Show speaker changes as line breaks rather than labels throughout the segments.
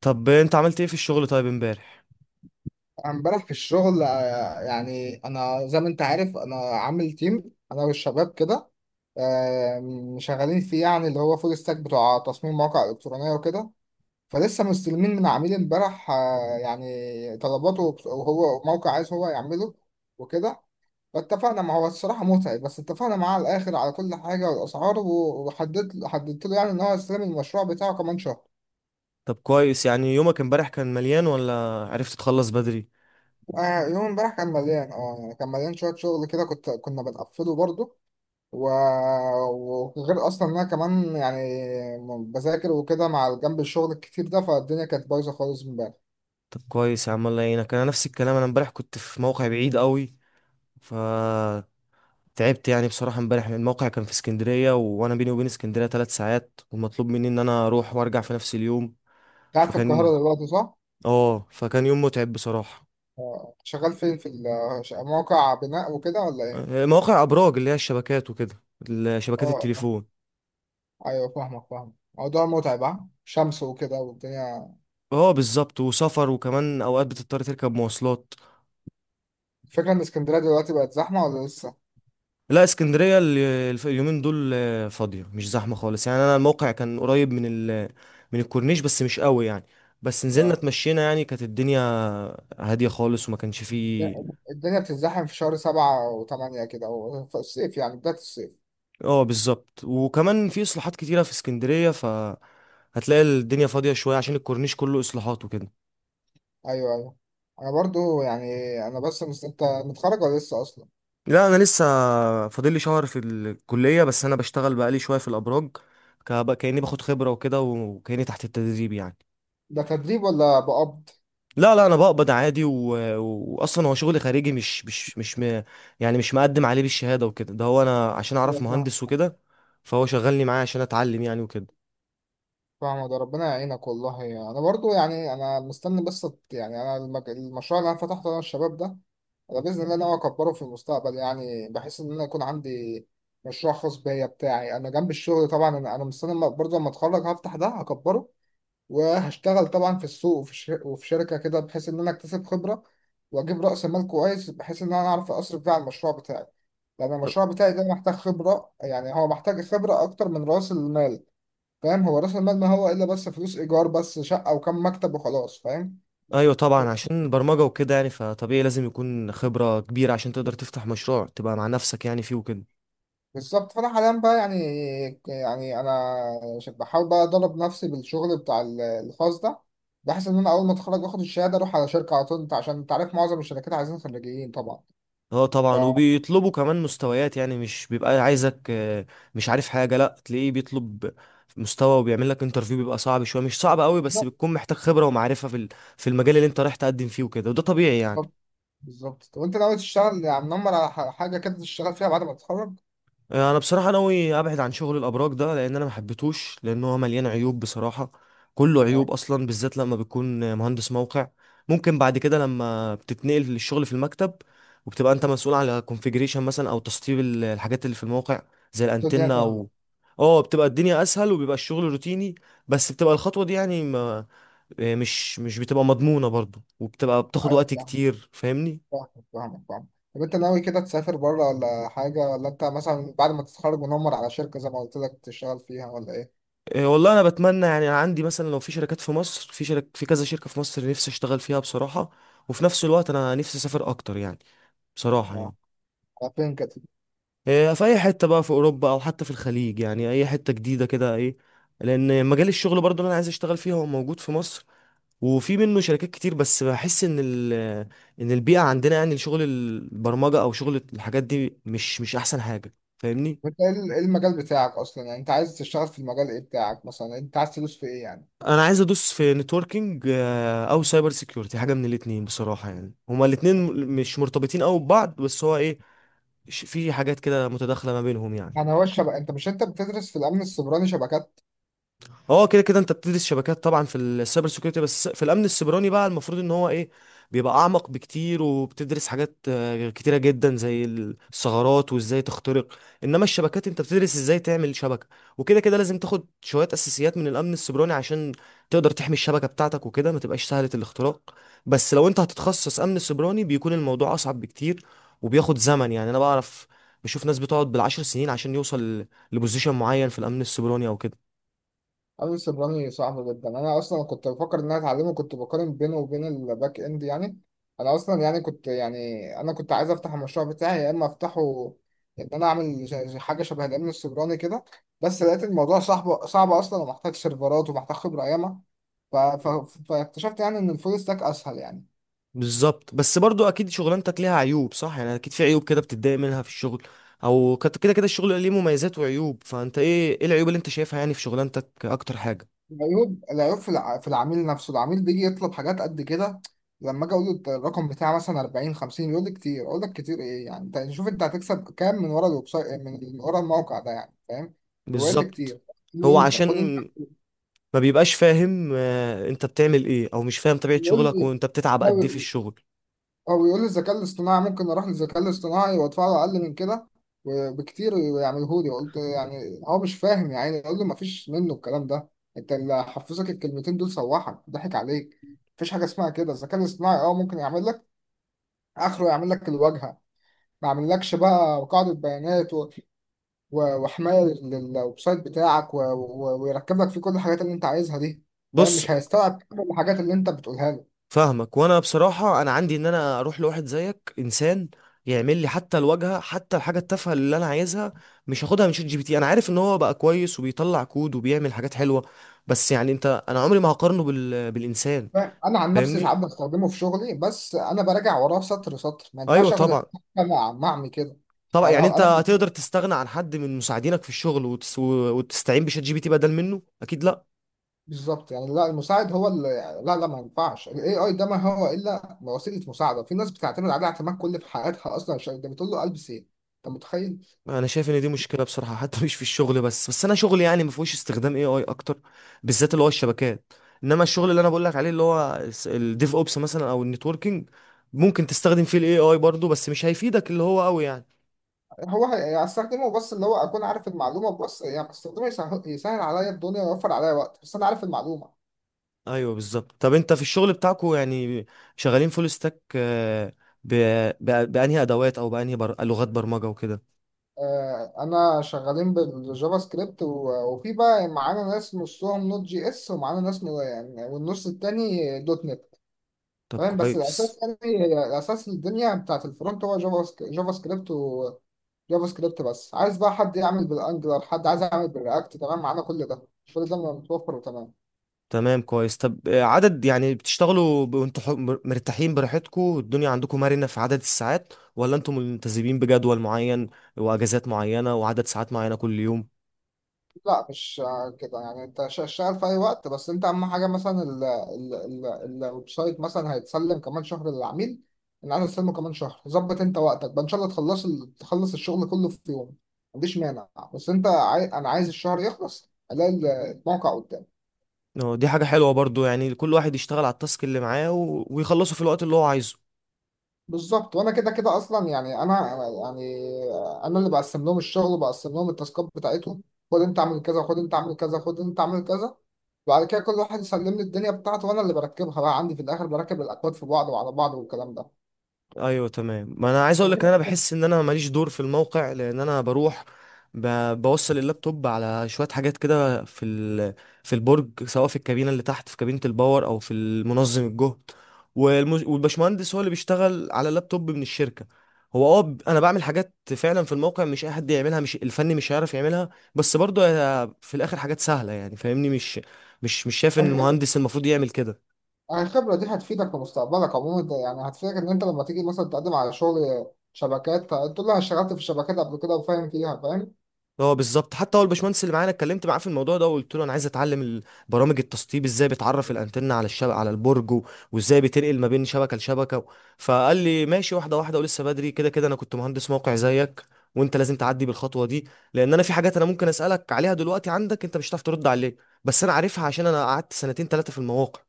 طب انت عملت ايه في الشغل طيب امبارح؟
امبارح في الشغل يعني انا زي ما انت عارف انا عامل تيم انا والشباب كده. شغالين فيه يعني اللي هو فول ستاك بتوع تصميم مواقع الكترونيه وكده. فلسه مستلمين من عميل امبارح، يعني طلباته، وهو موقع عايز هو يعمله وكده. فاتفقنا معاه، هو الصراحه متعب، بس اتفقنا معاه على الاخر على كل حاجه والاسعار، وحددت له يعني ان هو يستلم المشروع بتاعه كمان شهر.
طب كويس. يعني يومك امبارح كان مليان، ولا عرفت تخلص بدري؟
يوم امبارح كان مليان، يعني كان مليان شويه شغل كده، كنا بنقفله برضه. وغير اصلا ان انا كمان يعني بذاكر وكده مع جنب الشغل الكتير ده، فالدنيا كانت بايظه خالص امبارح.
طب كويس يا عم، الله يعينك. انا نفس الكلام، انا امبارح كنت في موقع بعيد قوي، ف تعبت يعني. بصراحة امبارح الموقع كان في اسكندرية، وانا بيني وبين اسكندرية 3 ساعات، والمطلوب مني ان انا اروح وارجع في نفس اليوم.
قاعد في
فكان
القاهره دلوقتي، صح؟
اه فكان يوم متعب بصراحة.
آه. شغال فين؟ في موقع بناء وكده ولا ايه؟
اه، مواقع ابراج اللي هي الشبكات وكده، شبكات
اه اه.
التليفون.
ايوه، فاهمك فاهمك، موضوع متعب، ها شمس وكده والدنيا.
اه بالظبط، وسفر، وكمان اوقات بتضطر تركب مواصلات.
الفكره ان اسكندريه دلوقتي بقت زحمه ولا لسه؟
لا، اسكندرية اليومين دول فاضية، مش زحمة خالص يعني. أنا الموقع كان قريب من ال من الكورنيش، بس مش قوي يعني. بس نزلنا
اه.
اتمشينا يعني، كانت الدنيا هادية خالص وما كانش فيه.
الدنيا بتتزحم في شهر 7 و8 كده، أو في الصيف يعني بداية الصيف.
اه بالظبط، وكمان في إصلاحات كتيرة في اسكندرية، فهتلاقي الدنيا فاضية شوية عشان الكورنيش كله إصلاحات وكده.
أيوه أيوه. أنا برضو يعني، أنا بس أنت متخرج ولا لسه أصلا؟
لا، أنا لسه فاضلي شهر في الكلية، بس أنا بشتغل بقالي شوية في الأبراج، كأني باخد خبرة وكده، وكأني تحت التدريب يعني.
ده تدريب ولا بقبض؟
لا لا، انا بقبض عادي، و... واصلا هو شغل خارجي، مش يعني مش مقدم عليه بالشهاده وكده، ده هو انا عشان اعرف
أيوة، فاهم.
مهندس وكده، فهو شغلني معاه عشان اتعلم يعني وكده.
فاهم، ده ربنا يعينك والله. انا برضو يعني انا مستني، بس يعني انا المشروع اللي انا فتحته انا والشباب ده، انا باذن الله ناوي اكبره في المستقبل، يعني بحيث ان انا يكون عندي مشروع خاص بيا بتاعي انا جنب الشغل. طبعا أنا مستني برضو لما اتخرج هفتح ده، هكبره وهشتغل طبعا في السوق، وفي وفي شركة كده، بحيث إن أنا أكتسب خبرة وأجيب رأس مال كويس بحيث إن أنا أعرف أصرف بيه على المشروع بتاعي. لأن
طب-
المشروع بتاعي ده محتاج خبرة، يعني هو محتاج خبرة أكتر من رأس المال. فاهم، هو رأس المال ما هو إلا بس فلوس إيجار، بس شقة وكم مكتب وخلاص، فاهم.
ايوه طبعا، عشان البرمجه وكده يعني، فطبيعي لازم يكون خبره كبيره عشان تقدر تفتح مشروع تبقى مع نفسك يعني فيه وكده.
بالظبط. فأنا حاليا بقى يعني، أنا بحاول بقى أدرب نفسي بالشغل بتاع الخاص ده، بحيث إن أنا أول ما أتخرج وآخد الشهادة أروح على شركة على طول. أنت عشان أنت عارف معظم الشركات عايزين خريجين طبعا.
اه طبعا، وبيطلبوا كمان مستويات، يعني مش بيبقى عايزك مش عارف حاجة، لا، تلاقيه بيطلب مستوى وبيعمل لك انترفيو، بيبقى صعب شوية، مش صعب قوي، بس
ف...
بتكون محتاج خبرة ومعرفة في المجال اللي انت رايح تقدم فيه وكده، وده طبيعي يعني.
بالظبط. بالظبط. طب انت ناوي تشتغل يعني منمر على حاجه كده تشتغل فيها بعد ما تتخرج؟
انا بصراحه ناوي ابعد عن شغل الابراج ده، لان انا ما حبيتهوش، لان هو مليان عيوب بصراحه. كله عيوب
اه،
اصلا، بالذات لما بتكون مهندس موقع. ممكن بعد كده لما بتتنقل للشغل في المكتب، وبتبقى انت مسؤول على كونفيجريشن مثلا، او تسطيب الحاجات اللي في الموقع، زي
الدنيا
الانتنه او
سهله.
اه بتبقى الدنيا اسهل وبيبقى الشغل روتيني. بس بتبقى الخطوه دي يعني ما آه، مش مش بتبقى مضمونه برضو، وبتبقى بتاخد
ايوه،
وقت
فاهمك
كتير فاهمني.
فاهمك فاهمك فاهمك طب انت ناوي كده تسافر بره ولا حاجه، ولا انت مثلا بعد ما تتخرج منمر على شركه زي ما قلت لك تشتغل فيها ولا ايه؟
إيه والله، انا بتمنى يعني، أنا عندي مثلا لو في شركات في مصر، في كذا شركة في مصر نفسي اشتغل فيها بصراحة. وفي نفس الوقت انا نفسي اسافر اكتر يعني، بصراحة
اه،
يعني.
على فين كده؟
إيه، في اي حتة بقى في اوروبا، او حتى في الخليج يعني، اي حتة جديدة كده ايه. لان مجال الشغل برضو اللي انا عايز اشتغل فيه هو موجود في مصر، وفي منه شركات كتير، بس بحس ان ال، ان البيئة عندنا يعني شغل البرمجة او شغل الحاجات دي مش احسن حاجة فاهمني.
وانت ايه ايه المجال بتاعك اصلا، يعني انت عايز تشتغل في المجال ايه بتاعك، مثلا انت عايز تدوس في ايه يعني؟
انا عايز ادوس في نتوركينج، او سايبر سيكيورتي، حاجه من الاتنين بصراحه. يعني هما الاتنين مش مرتبطين قوي ببعض، بس هو ايه، في حاجات كده متداخله ما بينهم يعني.
يعني هو الشبكه، انت مش انت بتدرس في الامن السيبراني شبكات؟
هو كده كده انت بتدرس شبكات طبعا في السايبر سيكيورتي، بس في الامن السيبراني بقى المفروض ان هو ايه، بيبقى اعمق بكتير، وبتدرس حاجات كتيره جدا، زي الثغرات وازاي تخترق. انما الشبكات انت بتدرس ازاي تعمل شبكه، وكده كده لازم تاخد شويه اساسيات من الامن السيبراني عشان تقدر تحمي الشبكه بتاعتك وكده، ما تبقاش سهله الاختراق. بس لو انت هتتخصص امن سيبراني، بيكون الموضوع اصعب بكتير، وبياخد زمن يعني. انا بعرف، بشوف ناس بتقعد بالعشر سنين عشان يوصل لبوزيشن معين في الامن السيبراني او كده.
اليس الرمي صعب جدا. انا اصلا كنت بفكر ان انا اتعلمه، كنت بقارن بينه وبين الباك اند يعني. انا اصلا يعني كنت يعني انا كنت عايز افتح المشروع بتاعي، يا اما افتحه ان انا اعمل حاجه شبه الامن السيبراني كده، بس لقيت الموضوع صعب صعب اصلا ومحتاج سيرفرات ومحتاج خبره ياما. فاكتشفت يعني ان الفول ستاك اسهل يعني.
بالظبط، بس برضو اكيد شغلانتك ليها عيوب، صح؟ يعني اكيد في عيوب كده بتتضايق منها في الشغل، كده كده الشغل ليه مميزات وعيوب. فانت ايه، ايه العيوب اللي انت شايفها يعني في شغلانتك اكتر حاجة؟
العيوب في في العميل نفسه. العميل بيجي يطلب حاجات قد كده. لما اجي اقول له الرقم بتاعي مثلا 40 50، يقول لي كتير. اقول لك كتير ايه يعني، انت شوف انت هتكسب كام من ورا الويب سايت، من ورا الموقع ده يعني، فاهم. هو قال لي
بالظبط.
كتير، خد
هو
انت
عشان
خد انت.
ما بيبقاش فاهم انت بتعمل ايه، او مش فاهم طبيعة
يقول
شغلك،
لي
وانت بتتعب قد ايه في
لا،
الشغل.
او يقول لي الذكاء الاصطناعي، ممكن اروح للذكاء الاصطناعي وادفع له اقل من كده وبكتير ويعمله لي. قلت يعني هو مش فاهم يا عيني. اقول له مفيش منه الكلام ده. انت اللي حفظك الكلمتين دول سوحك، ضحك عليك. مفيش حاجه اسمها كده. الذكاء الاصطناعي ممكن يعمل لك اخره يعمل لك الواجهه. ما يعملكش بقى قاعده بيانات وحمايه للويب سايت بتاعك ويركب لك فيه كل الحاجات اللي انت عايزها دي، فاهم.
بص،
مش هيستوعب كل الحاجات اللي انت بتقولها له.
فاهمك. وانا بصراحه انا عندي ان انا اروح لواحد زيك انسان يعمل لي حتى الواجهه، حتى الحاجه التافهه اللي انا عايزها، مش هاخدها من شات جي بي تي. انا عارف ان هو بقى كويس وبيطلع كود وبيعمل حاجات حلوه، بس يعني انت، انا عمري ما هقارنه بالانسان
انا عن نفسي ساعات
فاهمني.
بستخدمه في شغلي، بس انا براجع وراه سطر سطر. ما
ايوه
ينفعش اخد الحاجه
طبعا.
مع معمي كده.
طبعا
يعني
يعني
هو
انت
انا
هتقدر تستغنى عن حد من مساعدينك في الشغل وتستعين بشات جي بي تي بدل منه؟ اكيد لا.
بالظبط، يعني لا المساعد هو اللي يعني، لا لا، ما ينفعش الاي اي ده. ما هو الا وسيله مساعده. في ناس بتعتمد عليه اعتماد كل في حياتها اصلا، عشان ده بتقول له البس ايه. انت متخيل.
انا شايف ان دي مشكله بصراحه، حتى مش في الشغل بس، بس انا شغلي يعني ما فيهوش استخدام اي اي اكتر، بالذات اللي هو الشبكات. انما الشغل اللي انا بقول لك عليه اللي هو الديف اوبس مثلا، او النتوركينج، ممكن تستخدم فيه الاي اي برضه، بس مش هيفيدك اللي هو قوي يعني.
هو هستخدمه، بس اللي هو اكون عارف المعلومه، بس يعني بستخدمه يسهل عليا الدنيا، ويوفر عليا وقت، بس انا عارف المعلومه.
ايوه بالظبط. طب انت في الشغل بتاعكو يعني شغالين فول ستاك بانهي ادوات، او لغات برمجه وكده؟
انا شغالين بالجافا سكريبت، وفي بقى معانا ناس نصهم نوت جي اس، ومعانا ناس والنص التاني دوت نت.
طب
تمام، بس
كويس.
الاساس يعني الاساس الدنيا بتاعت الفرونت هو جافا سكريبت، وجافا سكريبت. بس عايز بقى حد يعمل بالانجلر، حد عايز يعمل بالرياكت، تمام، معانا كل ده. كل ده متوفر وتمام.
تمام، كويس. طب عدد يعني بتشتغلوا وانتوا مرتاحين براحتكم، والدنيا عندكم مرنة في عدد الساعات، ولا انتوا ملتزمين بجدول معين واجازات معينة وعدد ساعات معينة كل يوم؟
لا، مش كده. يعني انت شغال في اي وقت، بس انت اهم حاجه مثلا ال ال ال الويب سايت مثلا هيتسلم كمان شهر للعميل. ان انا استلمه كمان شهر، ظبط انت وقتك بقى، ان شاء الله تخلص تخلص الشغل كله في يوم، ما عنديش مانع. بس انت انا عايز الشهر يخلص الاقي الموقع قدامي.
دي حاجة حلوة برضو، يعني كل واحد يشتغل على التاسك اللي معاه و- ويخلصه في الوقت اللي هو عايزه.
بالظبط. وانا كده كده اصلا يعني انا يعني انا اللي بقسم لهم الشغل، وبقسم لهم التاسكات بتاعتهم. خد انت اعمل كذا، خد انت اعمل كذا، خد انت اعمل كذا. بعد كده كل واحد يسلم لي الدنيا بتاعته، وانا اللي بركبها بقى عندي في الاخر، بركب الاكواد في بعض وعلى بعض والكلام ده.
ايوه تمام. ما انا عايز
ده
اقول لك ان
غير
انا بحس ان انا ماليش دور في الموقع، لان انا بروح ب... بوصل اللابتوب على شويه حاجات كده في البرج، سواء في الكابينه اللي تحت، في كابينه الباور، او في المنظم الجهد. والبشمهندس هو اللي بيشتغل على اللابتوب من الشركه. هو اه انا بعمل حاجات فعلا في الموقع، مش اي حد يعملها، مش الفني مش هيعرف يعملها، بس برضه هي في الاخر حاجات سهله يعني فاهمني، مش شايف ان
الخبرة
المهندس المفروض يعمل كده.
الخبرة دي هتفيدك في مستقبلك عموما. ده يعني هتفيدك ان انت لما تيجي مثلا تقدم على شغل شبكات تقول له انا اشتغلت في الشبكات قبل كده وفاهم فيها، فاهم.
اه بالظبط. حتى هو الباشمهندس اللي معانا اتكلمت معاه في الموضوع ده، وقلت له انا عايز اتعلم برامج التسطيب، ازاي بتعرف الانتنه على الشبكه على البرج، و- وازاي بتنقل ما بين شبكه لشبكه. فقال لي ماشي، واحده واحده، ولسه بدري، كده كده انا كنت مهندس موقع زيك، وانت لازم تعدي بالخطوه دي. لان انا في حاجات انا ممكن اسالك عليها دلوقتي عندك، انت مش هتعرف ترد عليها، بس انا عارفها عشان انا قعدت سنتين ثلاثه في المواقع.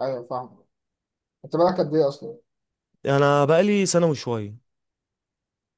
ايوه، فاهم. انت بالك قد ايه اصلا؟
انا بقالي سنه وشويه.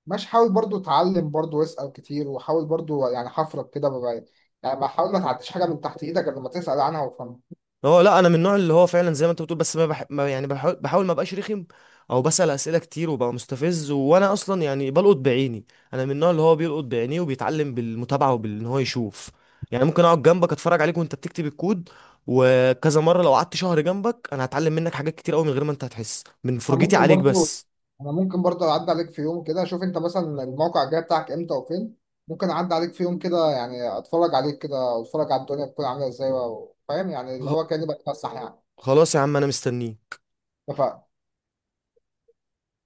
ماشي. حاول برضو تعلم، برضو واسال كتير، وحاول برضو يعني حفرك كده بقى. يعني ما حاول ما تعديش حاجه من تحت ايدك غير لما تسال عنها وفهمها.
هو لا، انا من النوع اللي هو فعلا زي ما انت بتقول، بس ما يعني بحاول، بحاول ما ابقاش رخم، او بسأل اسئله كتير وبقى مستفز. وانا اصلا يعني بلقط بعيني. انا من النوع اللي هو بيلقط بعينيه وبيتعلم بالمتابعه وبان هو يشوف. يعني ممكن اقعد جنبك اتفرج عليك وانت بتكتب الكود، وكذا مره، لو قعدت شهر جنبك انا هتعلم منك حاجات كتير قوي من غير ما انت هتحس من
انا
فرجتي
ممكن
عليك
برضو
بس.
انا ممكن برضه اعدي عليك في يوم كده، اشوف انت مثلا الموقع الجاي بتاعك امتى وفين. ممكن اعدي عليك في يوم كده، يعني اتفرج عليك كده، واتفرج على الدنيا بتكون عامله ازاي، فاهم يعني اللي
خ-
هو كاني بتفسح يعني.
خلاص يا عم، انا مستنيه.
اتفقنا.